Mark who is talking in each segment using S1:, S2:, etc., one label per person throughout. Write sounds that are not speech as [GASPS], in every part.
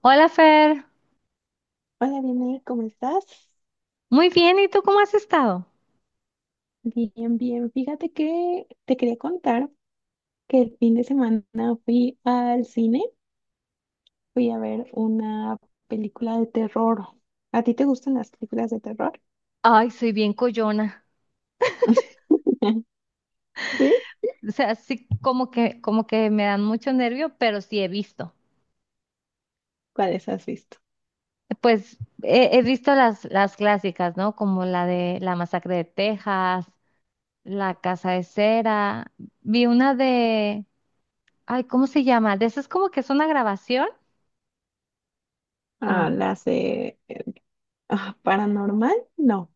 S1: Hola Fer,
S2: Hola, Vianey, ¿cómo estás?
S1: muy bien, ¿y tú cómo has estado?
S2: Bien, bien. Fíjate que te quería contar que el fin de semana fui al cine, fui a ver una película de terror. ¿A ti te gustan las películas de terror?
S1: Ay, soy bien coyona,
S2: [LAUGHS] ¿Sí?
S1: o sea, sí como que me dan mucho nervio, pero sí he visto.
S2: ¿Cuáles has visto?
S1: Pues he visto las clásicas, ¿no? Como la de La Masacre de Texas, La Casa de Cera, vi una de, ay, ¿cómo se llama? De esas como que es una grabación,
S2: Ah,
S1: ah,
S2: las de paranormal, no.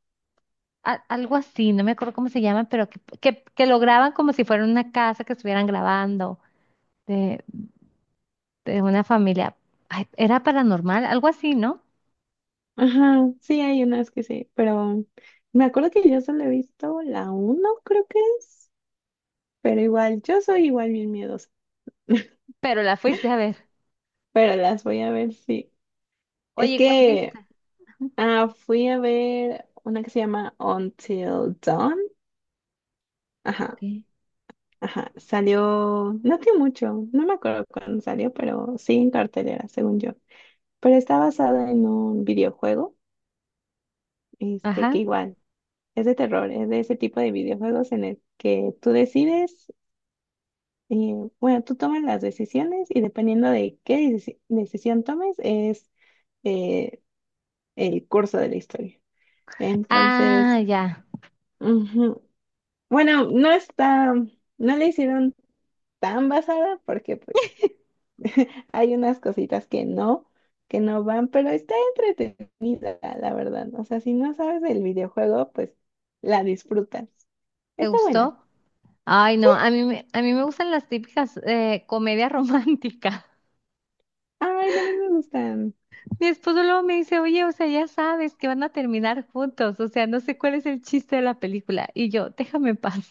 S1: algo así, no me acuerdo cómo se llama, pero que lo graban como si fuera una casa que estuvieran grabando. De una familia. Ay, era paranormal, algo así, ¿no?
S2: Ajá, sí, hay unas que sí, pero me acuerdo que yo solo he visto la uno, creo que es, pero igual, yo soy igual bien miedosa,
S1: Pero la fuiste a ver.
S2: pero las voy a ver, sí. Es
S1: Oye, ¿cuál
S2: que
S1: viste?
S2: Fui a ver una que se llama Until Dawn. Ajá,
S1: Ok.
S2: ajá. Salió, no tiene mucho, no me acuerdo cuándo salió, pero sí en cartelera, según yo. Pero está basada en un videojuego, que
S1: Ajá.
S2: igual es de terror, es de ese tipo de videojuegos en el que tú decides, eh, bueno, tú tomas las decisiones y dependiendo de qué decisión tomes es eh, el curso de la historia.
S1: Ah,
S2: Entonces,
S1: ya.
S2: ujú. Bueno, no está, no le hicieron tan basada porque pues [LAUGHS] hay unas cositas que no van, pero está entretenida, la verdad. O sea, si no sabes del videojuego, pues la disfrutas.
S1: ¿Te
S2: Está buena.
S1: gustó? Ay, no, a mí, a mí me gustan las típicas comedias románticas.
S2: Ay, también me gustan,
S1: [LAUGHS] Mi esposo luego me dice, oye, o sea, ya sabes que van a terminar juntos, o sea, no sé cuál es el chiste de la película. Y yo, déjame en paz.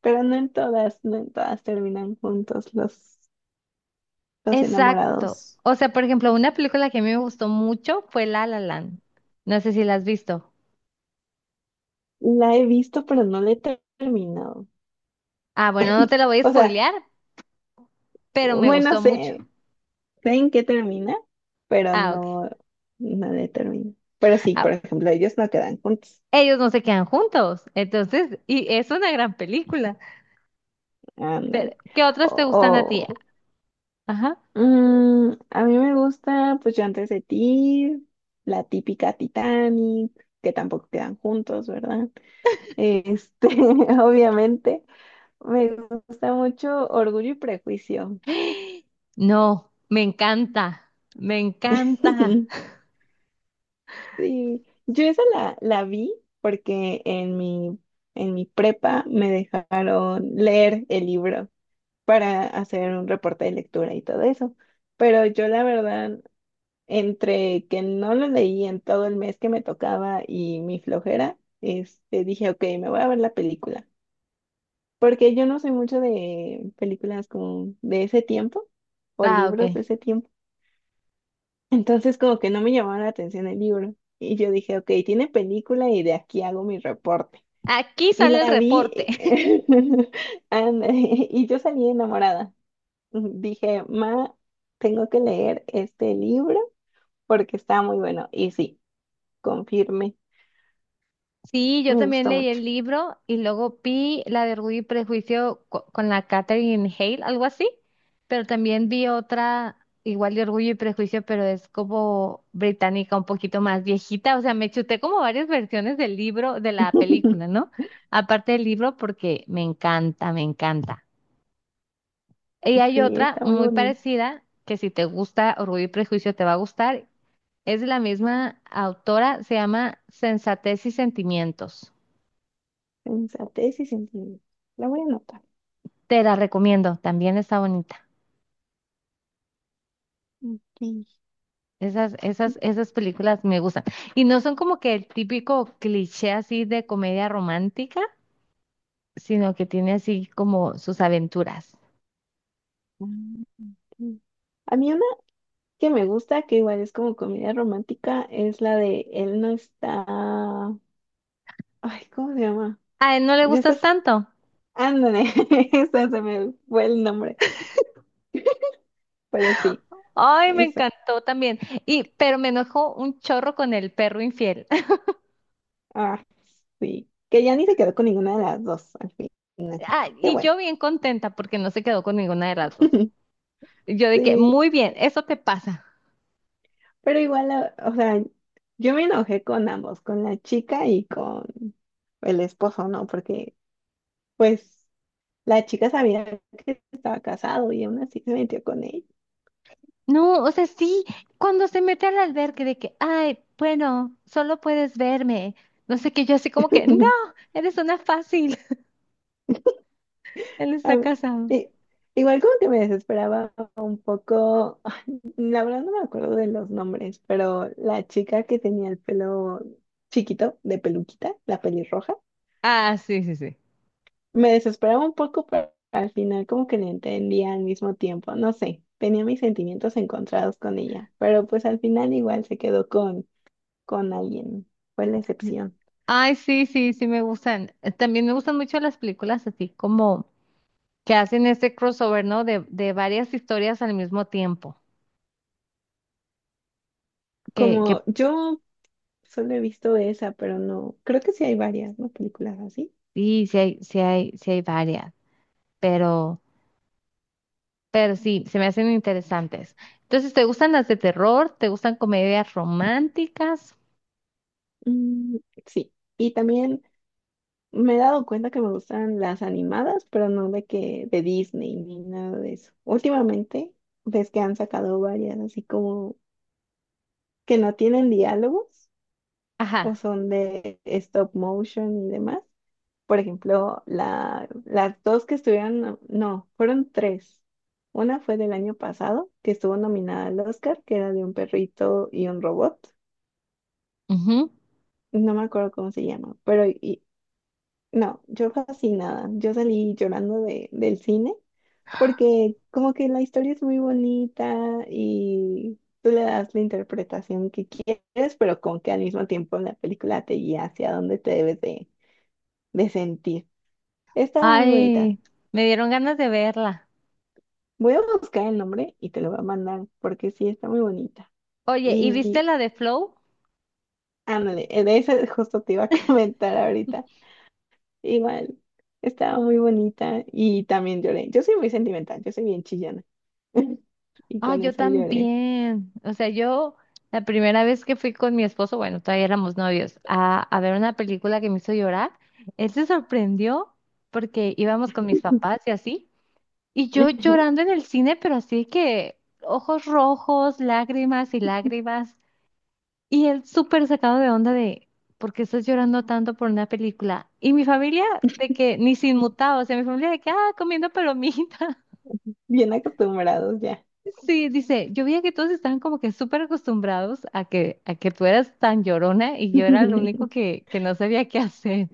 S2: pero no en todas, no en todas terminan juntos los
S1: Exacto.
S2: enamorados.
S1: O sea, por ejemplo, una película que a mí me gustó mucho fue La La Land. No sé si la has visto.
S2: La he visto, pero no la he terminado.
S1: Ah, bueno, no te la voy a
S2: O sea,
S1: spoilear, pero me
S2: bueno,
S1: gustó mucho.
S2: sé. Sé en qué termina, pero
S1: Ah, ok.
S2: no, no determina. Pero sí,
S1: Ah,
S2: por ejemplo, ellos no quedan juntos.
S1: ellos no se quedan juntos, entonces, y es una gran película. Pero,
S2: Ándale.
S1: ¿qué otras te gustan a ti?
S2: O,
S1: Ajá.
S2: a mí me gusta, pues yo antes de ti, la típica Titanic, que tampoco quedan juntos, ¿verdad? Este, [LAUGHS] obviamente, me gusta mucho Orgullo y Prejuicio.
S1: [GASPS] No, me encanta, me encanta.
S2: [LAUGHS] Sí, yo esa la vi porque en mi prepa me dejaron leer el libro para hacer un reporte de lectura y todo eso. Pero yo la verdad, entre que no lo leí en todo el mes que me tocaba y mi flojera, dije, ok, me voy a ver la película. Porque yo no soy mucho de películas como de ese tiempo o
S1: Ah,
S2: libros
S1: ok.
S2: de ese tiempo. [LAUGHS] Entonces como que no me llamaba la atención el libro. Y yo dije, ok, tiene película y de aquí hago mi reporte.
S1: Aquí
S2: Y
S1: sale el
S2: la
S1: reporte.
S2: vi,
S1: [LAUGHS]
S2: [LAUGHS] anda, y yo salí enamorada. Dije, ma, tengo que leer este libro porque está muy bueno. Y sí, confirme,
S1: Sí, yo
S2: me
S1: también
S2: gustó
S1: leí
S2: mucho.
S1: el libro y luego vi la de Orgullo y Prejuicio con la Catherine Hale, algo así, pero también vi otra igual de Orgullo y Prejuicio, pero es como británica, un poquito más viejita, o sea, me chuté como varias versiones del libro, de la película,
S2: [LAUGHS]
S1: ¿no? Aparte del libro porque me encanta, me encanta. Y hay
S2: Sí,
S1: otra
S2: está muy
S1: muy
S2: bonito.
S1: parecida que si te gusta Orgullo y Prejuicio te va a gustar, es de la misma autora, se llama Sensatez y Sentimientos.
S2: Sensatez y sentimiento. La voy a anotar.
S1: Te la recomiendo, también está bonita.
S2: Ok.
S1: Esas películas me gustan. Y no son como que el típico cliché así de comedia romántica, sino que tiene así como sus aventuras.
S2: Mm, ok. A mí una que me gusta, que igual es como comedia romántica, es la de Él no está... Ay, ¿cómo se llama?
S1: A él no le
S2: Ya
S1: gustas
S2: estás...
S1: tanto.
S2: Ándale, [LAUGHS] esa se me fue el nombre, pero sí,
S1: Ay, me
S2: esa.
S1: encantó también. Y, pero me enojó un chorro con el perro infiel. [LAUGHS]
S2: Ah, sí, que ya ni se quedó con ninguna de las dos al final.
S1: Ah,
S2: Qué
S1: y
S2: bueno.
S1: yo bien contenta porque no se quedó con ninguna de las dos.
S2: [LAUGHS]
S1: Yo de que,
S2: Sí,
S1: muy bien, eso te pasa.
S2: pero igual, o sea, yo me enojé con ambos, con la chica y con el esposo, ¿no? Porque, pues, la chica sabía que estaba casado y aún así se metió con él.
S1: No, o sea, sí, cuando se mete al albergue de que, ay, bueno, solo puedes verme. No sé qué, yo así como que, no,
S2: [LAUGHS]
S1: eres una fácil. [LAUGHS] Él está
S2: A
S1: casado.
S2: i- Igual como que me desesperaba un poco, [LAUGHS] la verdad no me acuerdo de los nombres, pero la chica que tenía el pelo chiquito, de peluquita, la pelirroja.
S1: Ah, sí, sí, sí.
S2: Me desesperaba un poco, pero al final como que la entendía al mismo tiempo. No sé, tenía mis sentimientos encontrados con ella, pero pues al final igual se quedó con alguien. Fue la excepción.
S1: Ay, sí, sí, sí me gustan. También me gustan mucho las películas así como que hacen este crossover, ¿no? De varias historias al mismo tiempo. Que
S2: Como yo solo he visto esa, pero no, creo que sí hay varias, ¿no? Películas así.
S1: sí, sí hay varias, pero, pero sí, se me hacen interesantes. Entonces, ¿te gustan las de terror? ¿Te gustan comedias románticas?
S2: Mm, sí, y también me he dado cuenta que me gustan las animadas, pero no de que de Disney ni nada de eso. Últimamente ves que han sacado varias así como que no tienen diálogos
S1: Ajá.
S2: o son de stop motion y demás. Por ejemplo, las dos que estuvieron, no, no, fueron tres. Una fue del año pasado, que estuvo nominada al Oscar, que era de un perrito y un robot.
S1: Ujú.
S2: No me acuerdo cómo se llama, no, yo fascinada. Yo salí llorando de, del cine porque como que la historia es muy bonita y tú le das la interpretación que quieres, pero como que al mismo tiempo la película te guía hacia dónde te debes de sentir. Estaba muy bonita.
S1: Ay, me dieron ganas de verla.
S2: Voy a buscar el nombre y te lo voy a mandar porque sí, está muy bonita.
S1: Oye, ¿y viste
S2: Y
S1: la de Flow?
S2: ándale, de esa justo te iba a [LAUGHS] comentar ahorita. Igual, estaba muy bonita y también lloré. Yo soy muy sentimental, yo soy bien chillona. [LAUGHS] Y
S1: Ah,
S2: con
S1: yo
S2: esa lloré.
S1: también. O sea, yo la primera vez que fui con mi esposo, bueno, todavía éramos novios, a ver una película que me hizo llorar, él se sorprendió porque íbamos con mis
S2: [LAUGHS]
S1: papás y así, y yo
S2: Ujú.
S1: llorando en el cine, pero así que ojos rojos, lágrimas y lágrimas. Y él súper sacado de onda de, ¿por qué estás llorando tanto por una película? Y mi familia de que, ni sin mutado, o sea, mi familia de que, ah, comiendo palomita. [LAUGHS]
S2: Bien acostumbrados ya.
S1: Sí, dice, yo veía que todos estaban como que súper acostumbrados a que tú eras tan llorona y yo era lo único
S2: [LAUGHS]
S1: que no sabía qué hacer.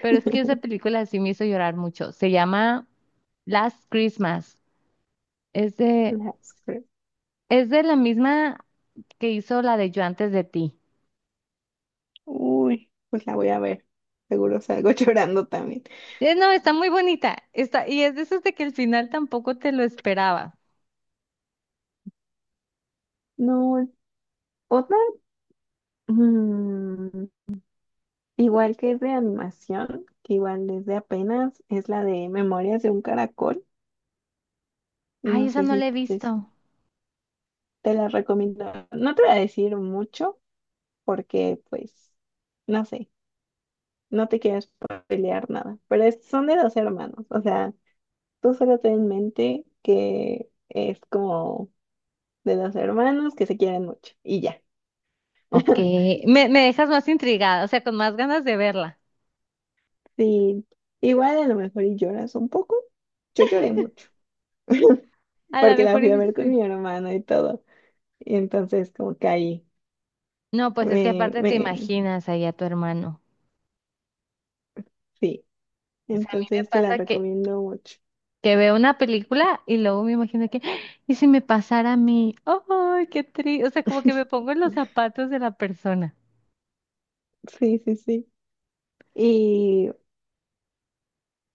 S1: Pero es que esa película sí me hizo llorar mucho. Se llama Last Christmas. Es de,
S2: Las cre-
S1: es de la misma que hizo la de Yo antes de ti.
S2: Uy, pues la voy a ver. Seguro salgo [LAUGHS] llorando también.
S1: No, está muy bonita. Está, y es de esos de que el final tampoco te lo esperaba.
S2: No, otra. Mm, igual que es de animación, que igual desde apenas es la de Memorias de un Caracol.
S1: Ay,
S2: No
S1: esa
S2: sé
S1: no
S2: si
S1: la he
S2: te,
S1: visto.
S2: te la recomiendo. No te voy a decir mucho porque, pues, no sé, no te quiero pelear nada. Pero son de dos hermanos. O sea, tú solo ten en mente que es como de dos hermanos que se quieren mucho y ya.
S1: Ok,
S2: [LAUGHS]
S1: me dejas más intrigada, o sea, con más ganas de verla.
S2: Sí, igual a lo mejor y lloras un poco. Yo lloré mucho [LAUGHS]
S1: A lo
S2: porque la
S1: mejor
S2: fui a
S1: y
S2: ver con
S1: sí.
S2: mi hermano y todo. Y entonces como que ahí
S1: No, pues es que
S2: me,
S1: aparte te
S2: me,
S1: imaginas ahí a tu hermano.
S2: sí,
S1: O sea, a mí me
S2: entonces te la
S1: pasa
S2: recomiendo mucho.
S1: que veo una película y luego me imagino que, [GASPS] ¡Ah! ¿Y si me pasara a mí? ¡Ay, qué triste! O sea, como que me
S2: [LAUGHS]
S1: pongo en los zapatos de la persona.
S2: Sí, sí, sí. ¿Y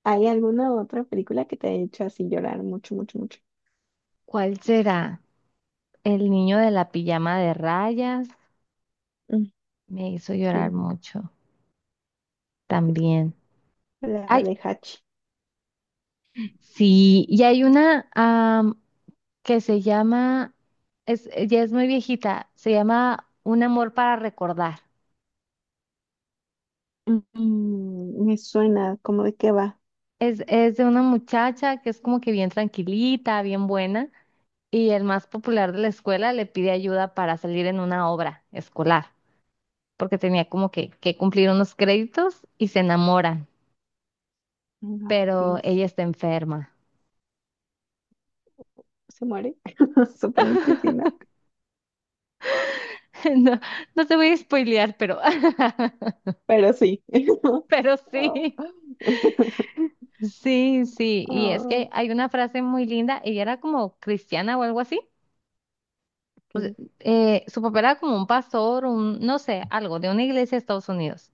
S2: hay alguna otra película que te ha hecho así llorar mucho, mucho, mucho?
S1: ¿Cuál será? El niño de la pijama de rayas
S2: Mm,
S1: me hizo llorar
S2: sí,
S1: mucho también.
S2: la
S1: Ay,
S2: de Hachi.
S1: sí, y hay una am, que se llama, es, ya es muy viejita, se llama Un amor para recordar.
S2: Mm, me suena como de qué va.
S1: Es de una muchacha que es como que bien tranquilita, bien buena, y el más popular de la escuela le pide ayuda para salir en una obra escolar, porque tenía como que cumplir unos créditos y se enamoran,
S2: No, ¿qué
S1: pero
S2: es?
S1: ella está enferma.
S2: ¿Se muere? [LAUGHS] Supongo que sí, ¿no?
S1: [LAUGHS] No, no te voy a spoilear, pero, [LAUGHS]
S2: Pero sí. [LAUGHS]
S1: pero
S2: Oh,
S1: sí.
S2: [LAUGHS]
S1: Sí, sí, y es
S2: oh,
S1: que hay una frase muy linda, ella era como cristiana o algo así,
S2: ok.
S1: su papá era como un pastor, un, no sé, algo de una iglesia de Estados Unidos,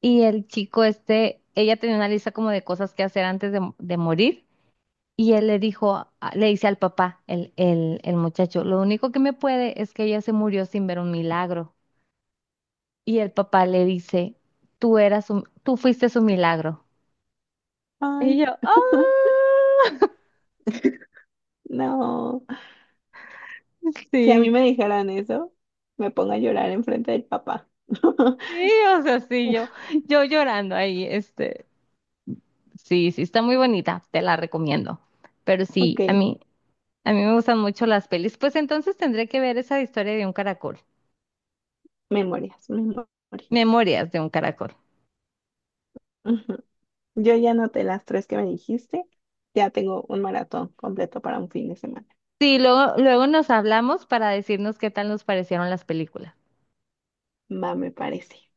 S1: y el chico este, ella tenía una lista como de cosas que hacer antes de morir, y él le dijo, le dice al papá, el muchacho, lo único que me puede es que ella se murió sin ver un milagro, y el papá le dice, tú eras un, tú fuiste su milagro, y
S2: Ay,
S1: yo, ¡ah!
S2: [LAUGHS] no.
S1: [LAUGHS]
S2: Si a
S1: Sí,
S2: mí me dijeran eso, me pongo a llorar enfrente del papá.
S1: Sí,
S2: [LAUGHS]
S1: o sea, sí, yo llorando ahí, este, sí, sí, está muy bonita, te la recomiendo. Pero
S2: Ok,
S1: sí, a mí me gustan mucho las pelis. Pues entonces tendré que ver esa historia de un caracol,
S2: memorias, memorias.
S1: Memorias de un caracol.
S2: Ujú. Yo ya anoté las tres que me dijiste. Ya tengo un maratón completo para un fin de semana.
S1: Sí, luego, luego nos hablamos para decirnos qué tal nos parecieron las películas.
S2: Va, me parece.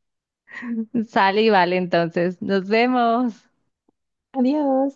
S1: Sale y vale, entonces, nos vemos.
S2: Adiós.